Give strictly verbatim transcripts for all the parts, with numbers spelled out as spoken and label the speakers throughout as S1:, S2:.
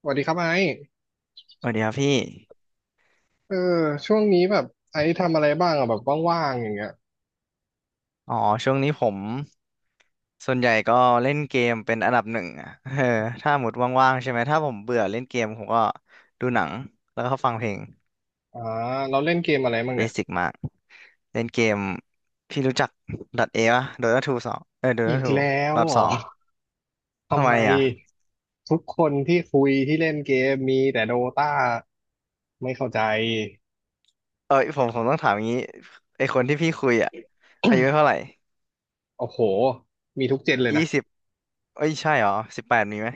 S1: สวัสดีครับไอซ์
S2: สวัสดีครับพี่
S1: เออช่วงนี้แบบไอซ์ทำอะไรบ้างอะแบบว่างๆอย่างเงี้ย
S2: อ๋อช่วงนี้ผมส่วนใหญ่ก็เล่นเกมเป็นอันดับหนึ่งอ่ะ เออถ้าหมดว่างๆใช่ไหมถ้าผมเบื่อเล่นเกมผมก็ดูหนังแล้วก็ฟังเพลง
S1: อ่าเราเล่นเกมอะไรบ้าง
S2: เบ
S1: เนี่ย
S2: สิกมากเล่นเกมพี่รู้จัก .A ป่ะ Dota ทูสองเออ
S1: อี
S2: Dota
S1: ก
S2: ทู
S1: แล้ว
S2: รอบ
S1: เหร
S2: ส
S1: อ
S2: องทำ
S1: ทำ
S2: ไม
S1: ไม
S2: อ่ะ
S1: ทุกคนที่คุยที่เล่นเกมมีแต่โดตาไม่เข้าใจ
S2: เอ้ยผมผมต้องถามอย่างนี้ไอคนที่พี่คุยอ่ะอายุเท่าไหร่
S1: โอ้โหมีทุกเจนเลยนะ
S2: ยี่สิบเอ้ยใช่เหรอสิบแปดมีไหม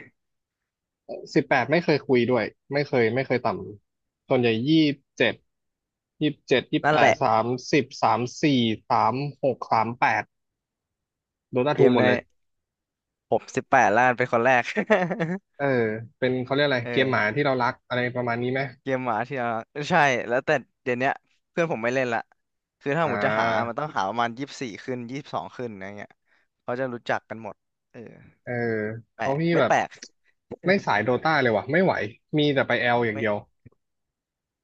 S1: สิบแปดไม่เคยคุยด้วยไม่เคยไม่เคยต่ำส่วนใหญ่ยี่สิบเจ็ดยี่สิบเจ็ดยี่สิบ
S2: นั่น
S1: แป
S2: แห
S1: ด
S2: ละ
S1: สามสิบสามสี่สามหกสามแปดโดตา
S2: เก
S1: ทู
S2: ม
S1: หม
S2: ใน
S1: ดเลย
S2: ผมสิบแปดล้านเป็นคนแรก
S1: เออเป็นเขาเรียกอะไร
S2: เอ
S1: เกมห
S2: อ
S1: มาที่เรารักอะไรประมาณนี้ไหม
S2: เกมหมาที่เรารใช่แล้วแต่เดี๋ยวเนี้ยเพื่อนผมไม่เล่นละคือถ้า
S1: อ่
S2: ผมจะหา มัน
S1: า
S2: ต้องหาประมาณยี่สิบสี่ขึ้นยี่สิบสองขึ้นอะไรเงี้ยเขาจะรู้จักกันหมดเออ
S1: เออ
S2: แป
S1: เพ
S2: ล
S1: ราะ
S2: ก
S1: พี่
S2: ไม่
S1: แบบ
S2: แปลก
S1: ไม่สายโดตาเลยว่ะไม่ไหว มีแต่ไปแอลอย่าง
S2: ไม่
S1: เดียว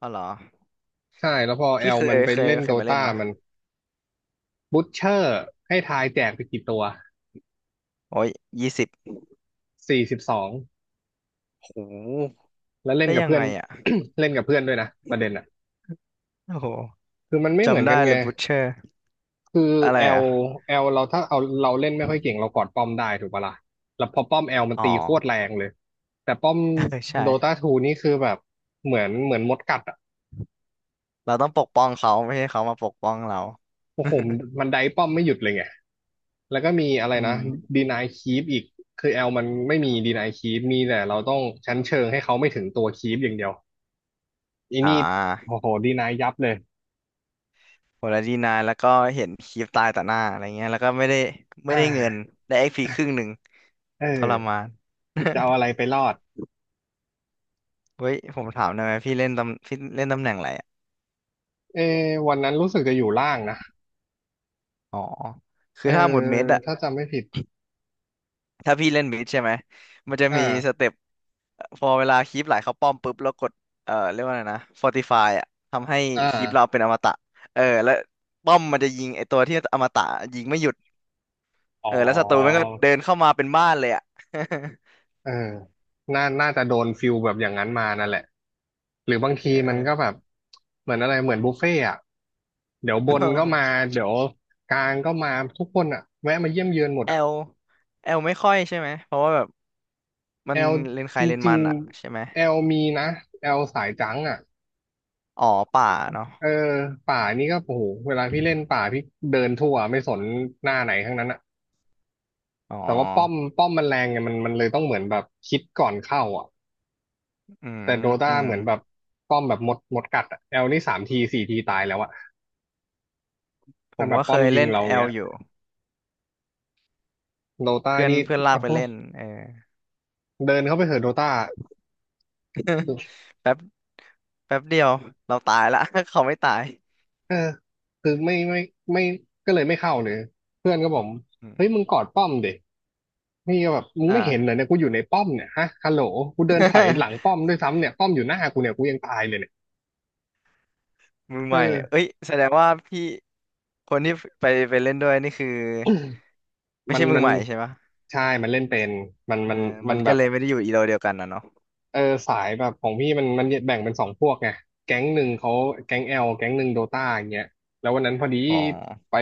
S2: อ๋อเหรอ
S1: ใช่แล้วพอแอ
S2: พี่
S1: ล
S2: เค
S1: มั
S2: ย
S1: นไป
S2: เคย
S1: เล่น
S2: เค
S1: โด
S2: ยมาเล่น
S1: ตา
S2: มะ
S1: มันบูทเชอร์ให้ทายแจกไปกี่ตัว
S2: โอ้ยยี่สิบ
S1: สี่สิบสอง
S2: โห
S1: แล้วเล่น
S2: ได้
S1: กับ
S2: ยัง
S1: เพื่อ
S2: ไง
S1: น
S2: อ่ะ
S1: เล่นกับเพื่อนด้วยนะประเด็นอ่ะ
S2: โอ้โห
S1: คือมันไม่เหมือน
S2: จำ
S1: กัน
S2: ได้เล
S1: ไง
S2: ยบูชเชอร์
S1: คือ
S2: อะไร
S1: แอล
S2: อ่ะ
S1: แอลเราถ้าเอาเราเล่นไม่ค่อยเก่งเรากอดป้อมได้ถูกปะล่ะแล้วพอป้อมแอลมัน
S2: อ๋อ
S1: ตีโคตรแรงเลยแต่ป้อม
S2: เออใช่
S1: โดตาทูนี่คือแบบเหมือนเหมือนมดกัดอ่ะ
S2: เราต้องปกป้องเขาไม่ให้เขามาปกป้องเรา
S1: โอ้โหมันไดป้อมไม่หยุดเลยไงแล้วก็มีอะไร
S2: อื
S1: นะ
S2: ม
S1: ดีนายคีปอีกคือแอลมันไม่มีดีนายคีปมีแต่เราต้องชั้นเชิงให้เขาไม่ถึงตัวคีปอย่างเดียวอี
S2: อ่
S1: นี่
S2: า
S1: โอ้โหดีนายยับเลย
S2: โหแล้วดีนายแล้วก็เห็นคลิปตายต่อหน้าอะไรเงี้ยแล้วก็ไม่ได้ไม่
S1: อ่า
S2: ได้เงินได้เอ็กพีครึ่งหนึ่ง
S1: เ
S2: ทร
S1: ออ
S2: มาน
S1: จะเอาอะไรไปรอด
S2: เฮ้ยผมถามหน่อยไหมพี่เล่นตำพี่เล่นตำแหน่งอะไรอะ
S1: เออวันนั้นรู้สึกจะอยู่ล่างนะ
S2: อ๋อคือ
S1: เออ
S2: ถ้าหมดเม็ดอะ
S1: ถ้าจำไม่ผิด
S2: ถ้าพี่เล่นเม็ดใช่ไหมมันจะ
S1: อ่า
S2: มีสเต็ปพอเวลาคลิปไหลเข้าป้อมปุ๊บแล้วกดเอ่อเรียกว่าอะไรนะ Fortify อะทำให้
S1: อ่
S2: คลิปเรา
S1: า
S2: เป็นอมตะเออแล้วป้อมมันจะยิงไอตัวที่อมตะยิงไม่หยุด
S1: อ๋อ
S2: เออแล้วศัตรูมันก็เดินเข้ามาเป็นบ้านเลยอะ
S1: เออน่าน่าจะโดนฟิลแบบอย่างนั้นมานั่นแหละหรือบาง ที
S2: เอ
S1: มัน
S2: อ
S1: ก็แบบ เหมือนอะไรเหมือนบุฟเฟ่ต์อะเดี๋ยวบนก็มา เดี๋ยวกลางก็มาทุกคนอะแวะมาเยี่ยมเยือนหมด
S2: แอ
S1: อะ
S2: ลแอลไม่ค่อยใช่ไหมเพราะว่าแบบมั
S1: แอ
S2: น
S1: ล
S2: เลนใค
S1: จ
S2: รเลน
S1: ริ
S2: มั
S1: ง
S2: นอะใช่ไหม
S1: ๆแอลมีนะแอลสายจังอะ
S2: อ๋อป่าเนาะ
S1: เออป่านี่ก็โอ้โหเวลาพี่เล่นป่าพี่เดินทั่วไม่สนหน้าไหนทั้งนั้นอะ
S2: อ๋อ
S1: แต่ว่าป้อมป้อมมันแรงไงมันมันเลยต้องเหมือนแบบคิดก่อนเข้าอะ
S2: อืม
S1: แต่โดตา
S2: อืม
S1: เหมือนแบบป้อมแบบมดมดกัดอะแอลนี่สามทีสี่ทีตายแล้วอะ
S2: ผ
S1: ถ้า
S2: ม
S1: แบ
S2: ก็
S1: บ
S2: เค
S1: ป้อม
S2: ย
S1: ยิ
S2: เล่
S1: ง
S2: น
S1: เราอ
S2: แอ
S1: ย่าง
S2: ล
S1: เงี้ย
S2: อยู่
S1: โดตา
S2: เพื่อน
S1: นี่
S2: เพื่อนลาก
S1: เอา
S2: ไปเล่นเออ
S1: เดินเข้าไปเถอะโดตา
S2: แป๊บแป๊บเดียวเราตายละ เขาไม่ตาย
S1: เออคือไม่ไม่ไม่ก็เลยไม่เข้าเลยเพื่อนก็บอก
S2: อื
S1: เฮ้ย
S2: ม
S1: มึงกอดป้อมเด็กนี่ก็แบบมึง
S2: อ่า
S1: ไม่เห็นเหรอเนี่ยกูอยู่ในป้อมเนี่ยฮะฮัลโหลกูเดินถอยหลังป้อมด้วยซ้ำเนี่ยป้อมอยู่หน้ากูเนี่ยกูยังตายเลยเนี่ย
S2: มือ
S1: เอ
S2: ใหม่
S1: อ
S2: เอ้ยแสดงว่าพี่คนที่ไปไปเล่นด้วยนี่คือไม่
S1: มั
S2: ใช่
S1: น
S2: มื
S1: มั
S2: อ
S1: น
S2: ใหม่ใช่ปะ
S1: ใช่มันเล่นเป็นมัน
S2: เอ
S1: มั
S2: อ
S1: นมั
S2: มั
S1: น
S2: น
S1: แบ
S2: ก็
S1: บ
S2: เลยไม่ได้อยู่อีโรเดียวกันนะเนาะ
S1: เออสายแบบของพี่มันมันแบ่งเป็นสองพวกไงแก๊งหนึ่งเขาแก๊งแอลแก๊งหนึ่งโดตาอย่างเงี้ยแล้ววันนั้นพอดี
S2: อ๋อ
S1: ไป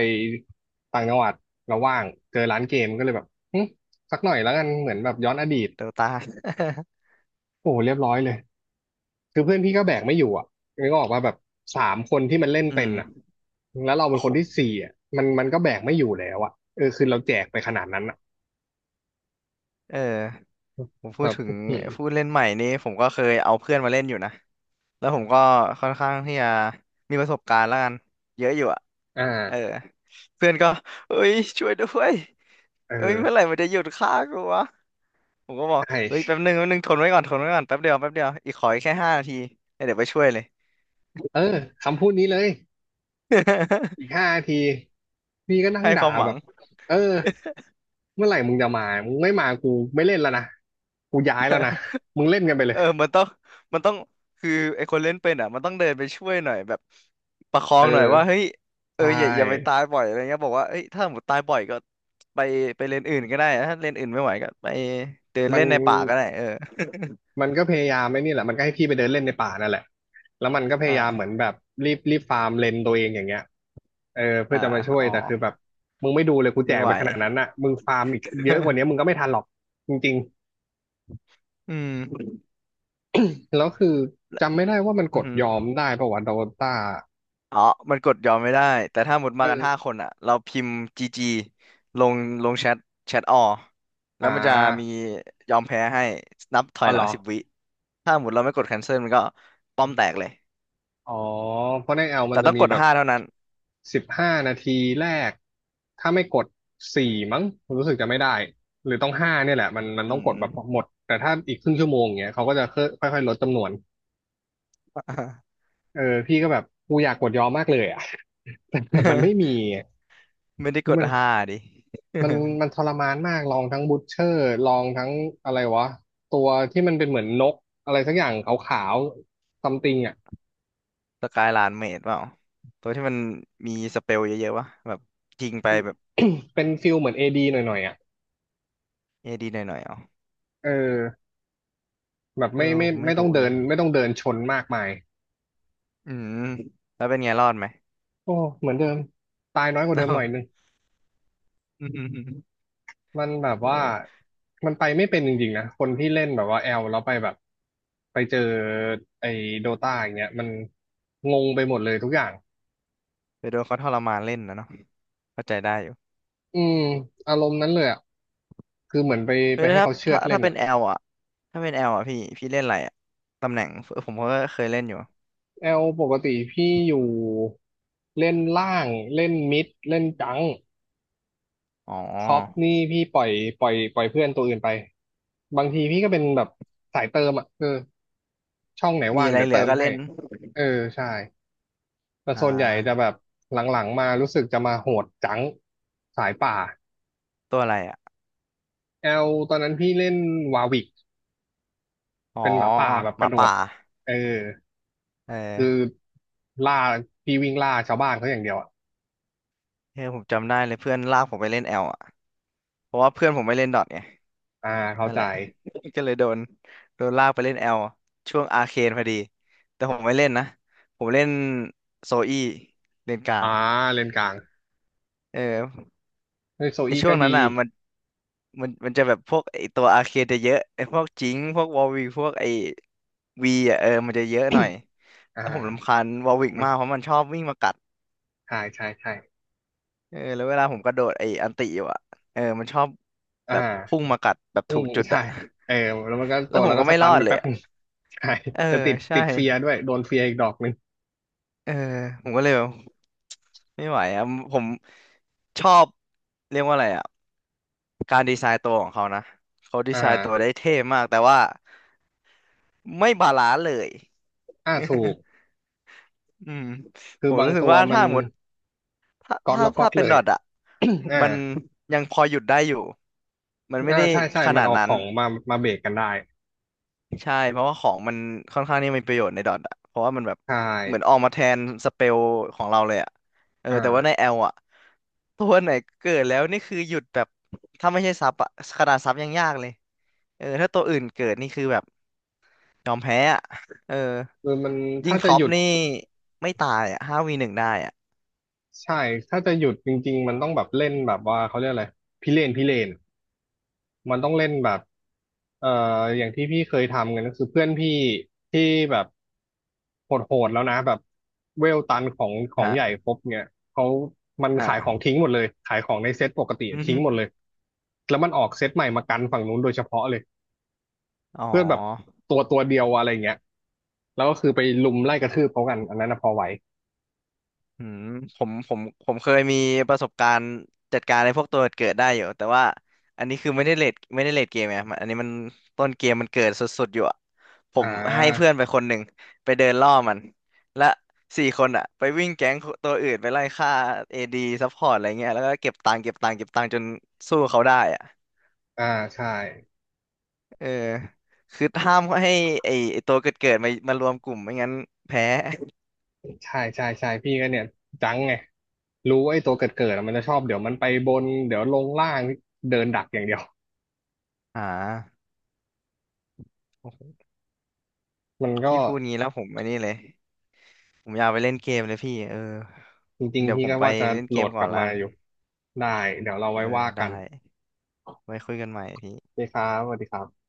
S1: ต่างจังหวัดแล้วว่างเจอร้านเกมก็เลยแบบหึสักหน่อยแล้วกันเหมือนแบบย้อนอดีต
S2: เดต้า
S1: โอ้โหเรียบร้อยเลยคือเพื่อนพี่ก็แบกไม่อยู่อ่ะนึกออกว่าแบบสามคนที่มันเล่น
S2: อื
S1: เป็นอ่ะ
S2: ม
S1: แล้วเราเป็
S2: โอ้
S1: นค
S2: โห
S1: นที่สี่อ่ะมันมันก็แบกไม่อยู่แล้วอ่ะเออคือเราแจกไปขนาดนั้นอ่ะ
S2: เออ ผมพู
S1: แบ
S2: ด
S1: บ
S2: ถึง
S1: อื้อหือ
S2: ผู้เล่นใหม่นี้ผมก็เคยเอาเพื่อนมาเล่นอยู่นะแล้วผมก็ค่อนข้างที่จะมีประสบการณ์แล้วกันเยอะอยู่อะ
S1: อ่
S2: เออ
S1: า
S2: เพื่อนก็เอ้ยช่วยด้วย
S1: เ
S2: เอ้ยเมื่อไหร่
S1: ออ
S2: มันจะหยุดฆ่ากูวะผมก็บอ
S1: ใช
S2: กเฮ้ยแป๊บ
S1: ่
S2: นึงแป๊บนึงทนไว้ก่อนทนไว้ก่อนแป๊บเดียวแป๊บเดียวอีกขออีกแค่ห้านาทีแล้วเดี๋ยวไปช่วยเลย
S1: เออคำพูดนี้เลย อีกห้านาทีพี่ก็ นั่ง
S2: ให้ค
S1: ด่า
S2: วามห
S1: แบ
S2: วัง
S1: บเออเมื่อไหร่มึงจะมามึงไม่มากูไม่เล่นแล้วนะกูย้ายแล้วนะมึงเล่นกันไปเล
S2: เอ
S1: ย
S2: อมันต้องมันต้อง คือไอคนเล่นเป็นอ่ะมันต้องเดินไปช่วยหน่อยแบบ ประคอ
S1: เอ
S2: งหน่อยว่า เฮ้
S1: อ
S2: ยเอ
S1: ใช
S2: ออย่าอย่าไป
S1: ่
S2: ตายบ่อยอะไรเงี้ยบอกว่าเอ้ยถ้าหมดตายบ่อยก็ไปไปเลนอื่นก็ได้นะถ้าเลนอื่นไม่ไหวก็ไปเดิน
S1: มัน
S2: เล่นในป่าก็ได้เออ
S1: มันก็พยายามไอ้นี่แหละมันก็ให้พี่ไปเดินเล่นในป่านั่นแหละแล้วมันก็พยายามเหมือน
S2: อ่า
S1: แบบรีบรีบฟาร์มเลนตัวเองอย่างเงี้ยเออเพื่
S2: อ่า
S1: อจะมาช่วย
S2: อ๋อ
S1: แต่คือแบบมึงไม่ดูเลยกูแจ
S2: ไม่
S1: ก
S2: ไหว
S1: ไปขนาดนั้นน่ะมึงฟาร์มอีกเยอะกว่านี้มึง ก็ไม่ทันหรอกจริง
S2: อืม
S1: ๆแล้วคือจำไม่ได้ว่ามันก
S2: อื
S1: ดยอ
S2: ม
S1: มได้ปะวะโดต้า
S2: ออ๋อมันกดยอมไม่ได้แต่ถ้าหมด
S1: เอ
S2: มากั
S1: อ
S2: นห้าคนอ่ะเราพิมพ์จีจีลงลงแชทแชทออแล้
S1: อ่
S2: วมันจะมี
S1: า
S2: ยอมแพ้ให้นับถอ
S1: อ๋อ
S2: ยห
S1: เหร
S2: ลัง
S1: อ
S2: สิบวิ ถ้าหมดเราไม่กด cancel มันก็ป้อมแตกเลย
S1: อ๋อเพราะในแอลมัน
S2: แต่
S1: จะ
S2: ต้อง
S1: มี
S2: กด
S1: แบบ
S2: ห้าเท่านั้น
S1: สิบห้านาทีแรกถ้าไม่กดสี่มั้งผมรู้สึกจะไม่ได้หรือต้องห้าเนี่ยแหละมันมัน
S2: อื
S1: ต้องก
S2: ม
S1: ดแบบหมดแต่ถ้าอีกครึ่งชั่วโมงอย่างเงี้ยเขาก็จะค่อยค่อยๆลดจำนวน เออพี่ก็แบบกูอยากกดยอมมากเลยอ่ะ แต่แบบมันไม่มีอะ
S2: ไม่ได้
S1: คื
S2: ก
S1: อ
S2: ด
S1: มัน
S2: ห้าดิ
S1: มันมันทรมานมาก ลองทั้งบู t เชอร์ลองทั้งอะไรวะตัวที่มันเป็นเหมือนนกอะไรสักอย่างขาวๆซัมติงอ่ะ
S2: สกายลานเมดเปล่าตัวที่มันมีสเปลเยอะๆวะแบบยิงไปแบบ
S1: เป็นฟิลเหมือนเอดีหน่อยๆอ่ะ
S2: เอดีหน่อยๆเอา
S1: เออ แบบ
S2: เออ
S1: ไม่ไม่
S2: ไม่
S1: ไม่ต้อง
S2: รู้
S1: เดิ
S2: เล
S1: น
S2: ย
S1: ไม่ต้องเดินชนมากมาย
S2: อืมแล้วเป็นไงรอดไหม
S1: โอ้เหมือนเดิมตายน้อยกว่าเดิมหน่
S2: เนาะ
S1: อยนึง
S2: อืม
S1: มันแบบ
S2: เอ
S1: ว่า
S2: อ
S1: มันไปไม่เป็นจริงๆนะคนที่เล่นแบบว่าแอลแล้วไปแบบไปเจอไอ้โดตาอย่างเงี้ยมันงงไปหมดเลยทุกอย่าง
S2: ไปโดนเขาทรมานเล่นนะเนาะเข้าใจได้อยู่
S1: อืมอารมณ์นั้นเลยอ่ะคือเหมือนไป
S2: เฮ้
S1: ไป
S2: ยแล้ว
S1: ให้
S2: ถ้า
S1: เขาเชือ
S2: ถ้า
S1: ดเล่
S2: ถ้า
S1: น
S2: เป็น
S1: อ่ะ
S2: แอลอ่ะถ้าเป็นแอลอ่ะพี่พี่เล่นอะไรอ่ะตำแหน่งผมก็เคยเล่นอยู่
S1: แอลปกติพี่อยู่เล่นล่างเล่นมิดเล่นจัง
S2: อ๋
S1: ท็อป
S2: อ
S1: นี่พี่ปล่อยปล่อยปล่อยเพื่อนตัวอื่นไปบางทีพี่ก็เป็นแบบสายเติมอ่ะเออช่องไหน
S2: มี
S1: ว่าง
S2: อะไร
S1: เดี๋ยว
S2: เหลือ
S1: เติม
S2: ก็
S1: ให้
S2: เล่น
S1: เออใช่แต่
S2: อ่
S1: ส่วนใหญ่จะ
S2: า
S1: แบบหลังๆมารู้สึกจะมาโหดจังสายป่า
S2: ตัวอะไรอ่ะ
S1: แอลตอนนั้นพี่เล่นวาวิก
S2: อ๋อ
S1: เป็นหมาป่าแบบ
S2: ห
S1: ก
S2: มา
S1: ระโด
S2: ป่า
S1: ดเออ
S2: เออ
S1: คือล่าพี่วิ่งล่าชาวบ้านเขาอย่างเดียวอ่ะ
S2: เออผมจำได้เลยเพื่อนลากผมไปเล่นแอลอ่ะเพราะว่าเพื่อนผมไม่เล่นดอทไง
S1: อ่าเข้า
S2: นั่น
S1: ใจ
S2: แหละ ก็เลยโดนโดนลากไปเล่นแอลช่วงอาร์เคนพอดีแต่ผมไม่เล่นนะผมเล่นโซอี้เลนกลา
S1: อ่า
S2: ง
S1: เลนกลาง
S2: เออ
S1: เฮ้ยโซ
S2: ไอ
S1: อี้
S2: ช่ว
S1: ก็
S2: งนั้น
S1: ดี
S2: อ่ะมันมันมันจะแบบพวกไอตัวอาร์เคนจะเยอะไอพวกจิงค์พวกวอลวิกพวกไอวีอ่ะเออมันจะเยอะหน่อย
S1: อ่
S2: แล้วผมรำ
S1: า
S2: คาญวอลวิก
S1: มัน
S2: มากเพราะมันชอบวิ่งมากัด
S1: ใช่ใช่ใช่
S2: เออแล้วเวลาผมกระโดดไอ้อันติอยู่อะเออมันชอบ
S1: อ่า
S2: แบบพุ่งมากัดแบบ
S1: อื
S2: ถูก
S1: ม
S2: จุด
S1: ใช่
S2: อะ
S1: เออแล้วมันก็
S2: แล้
S1: ตั
S2: ว
S1: ว
S2: ผ
S1: เรา
S2: ม
S1: ก็
S2: ก็
S1: ส
S2: ไม่ร
S1: ตั
S2: อ
S1: น
S2: ด
S1: ไป
S2: เลย
S1: แป๊บนึง
S2: อะ
S1: ใช่
S2: เออ
S1: จะติด
S2: ใช่
S1: ติดเฟียร์ด้วย โดนเฟียร์อีกดอกหนึ่ง
S2: เออผมก็เลยแบบไม่ไหวอะผมชอบเรียกว่าอะไรอะการดีไซน์ตัวของเขานะเขาดีไซ
S1: อ่า
S2: น์ตัวได้เท่มากแต่ว่าไม่บาลานซ์เลย
S1: อ่าถูก
S2: อืม
S1: คื
S2: ผ
S1: อ
S2: ม
S1: บาง
S2: รู้สึก
S1: ตัว
S2: ว่า
S1: มั
S2: ถ้า
S1: น
S2: หมดถ้า
S1: ก๊อต
S2: ถ้า
S1: แล้วก๊อ
S2: ถ้า
S1: ต
S2: เป็น
S1: เล
S2: ด
S1: ย
S2: อทอะ
S1: อ่า
S2: มันยังพอหยุดได้อยู่มันไม่
S1: อ่า
S2: ได้
S1: ใช่ใช่
S2: ข
S1: มัน
S2: นาด
S1: ออก
S2: นั้
S1: ข
S2: น
S1: องมามาเบรกกันได้
S2: ใช่เพราะว่าของมันค่อนข้างนี่มีประโยชน์ในดอทอะเพราะว่ามันแบบ
S1: ใช่
S2: เหมือนออกมาแทนสเปลของเราเลยอะเออแต่ว่าใน
S1: อ่า
S2: แอลอะตัวไหนเกิดแล้วนี่คือหยุดแบบถ้าไม่ใช่ซับอะขนาดซับยังยากเลยเออถ้าตัวอื่นเกิดนี่คือแบบยอมแพ้อะเออ
S1: คือมัน
S2: ยิ
S1: ถ้า
S2: ง
S1: จะ
S2: ท็อ
S1: ห
S2: ป
S1: ยุด
S2: นี่ไม่ตายอะห้าวีหนึ่งได้อะ
S1: ใช่ ถ้าจะหยุดจริงๆมันต้องแบบเล่นแบบว่าเขาเรียกอะไรพิเรนพิเรน มันต้องเล่นแบบเอ่ออย่างที่พี่เคยทำกันก็คือเพื่อนพี่ที่แบบโหดๆแล้วนะแบบเวลตันของของใหญ่
S2: ฮะ
S1: ครบเนี่ยเขามันขายของ
S2: อ่า
S1: ทิ้งหมดเลยขายของในเซ็ตปกติ
S2: อ
S1: ทิ้ง
S2: ม
S1: หมดเลยแล้วมันออกเซ็ตใหม่มากันฝั่งนู้นโดยเฉพาะเลย
S2: อ๋อ
S1: เพื่อนแบบตัวตัวเดียวอะไรเงี้ยแล้วก็คือไปลุมไล่กระทืบเขากันอันนั้นนะพอไหว
S2: อืมผมผมผมเคยมีประสบการณ์จัดการในพวกตัวเกิดได้อยู่แต่ว่าอันนี้คือไม่ได้เลทไม่ได้เลทเกมไงมันอันนี้มันต้นเกมมันเกิดสุดๆอยู่อะผ
S1: อ่
S2: มให้เพื่อ
S1: า
S2: นไปคนหนึ่งไปเดินล่อมันและสี่คนอะไปวิ่งแก๊งตัวอื่นไปไล่ฆ่าเอดีซัพพอร์ตอะไรเงี้ยแล้วก็เก็บตังค์เก็บตังค์เก็บตังค์จนสู้เขาได้อะ
S1: อ่าใช่
S2: เออคือห้ามให้ไอไอตัวเกิดเกิดมามารวมกลุ่มไม่งั้นแพ้
S1: ใช่ใช่ใช่พี่ก็เนี่ยจังไงรู้ว่าไอ้ตัวเกิดเกิดมันจะชอบเดี๋ยวมันไปบนเดี๋ยวลงล่างเดินดักอย่างเดียว
S2: อ่าโอ้โห
S1: มันก็
S2: พี่พูดงี้แล้วผมอันนี้เลย ผมอยากไปเล่นเกมเลยพี่เออ
S1: จริง
S2: เดี๋
S1: ๆ
S2: ยว
S1: พี่
S2: ผม
S1: ก็
S2: ไป
S1: ว่าจะ
S2: เล่นเก
S1: โหล
S2: ม
S1: ดก
S2: ก่อ
S1: ลั
S2: น
S1: บ
S2: ละ
S1: มา
S2: กัน
S1: อยู่ได้เดี๋ยวเรา
S2: เออ
S1: ไว้ว่า
S2: ได้
S1: กัน
S2: ไว้คุยกันใหม่พี่
S1: พี่ครับสวัสดีครับ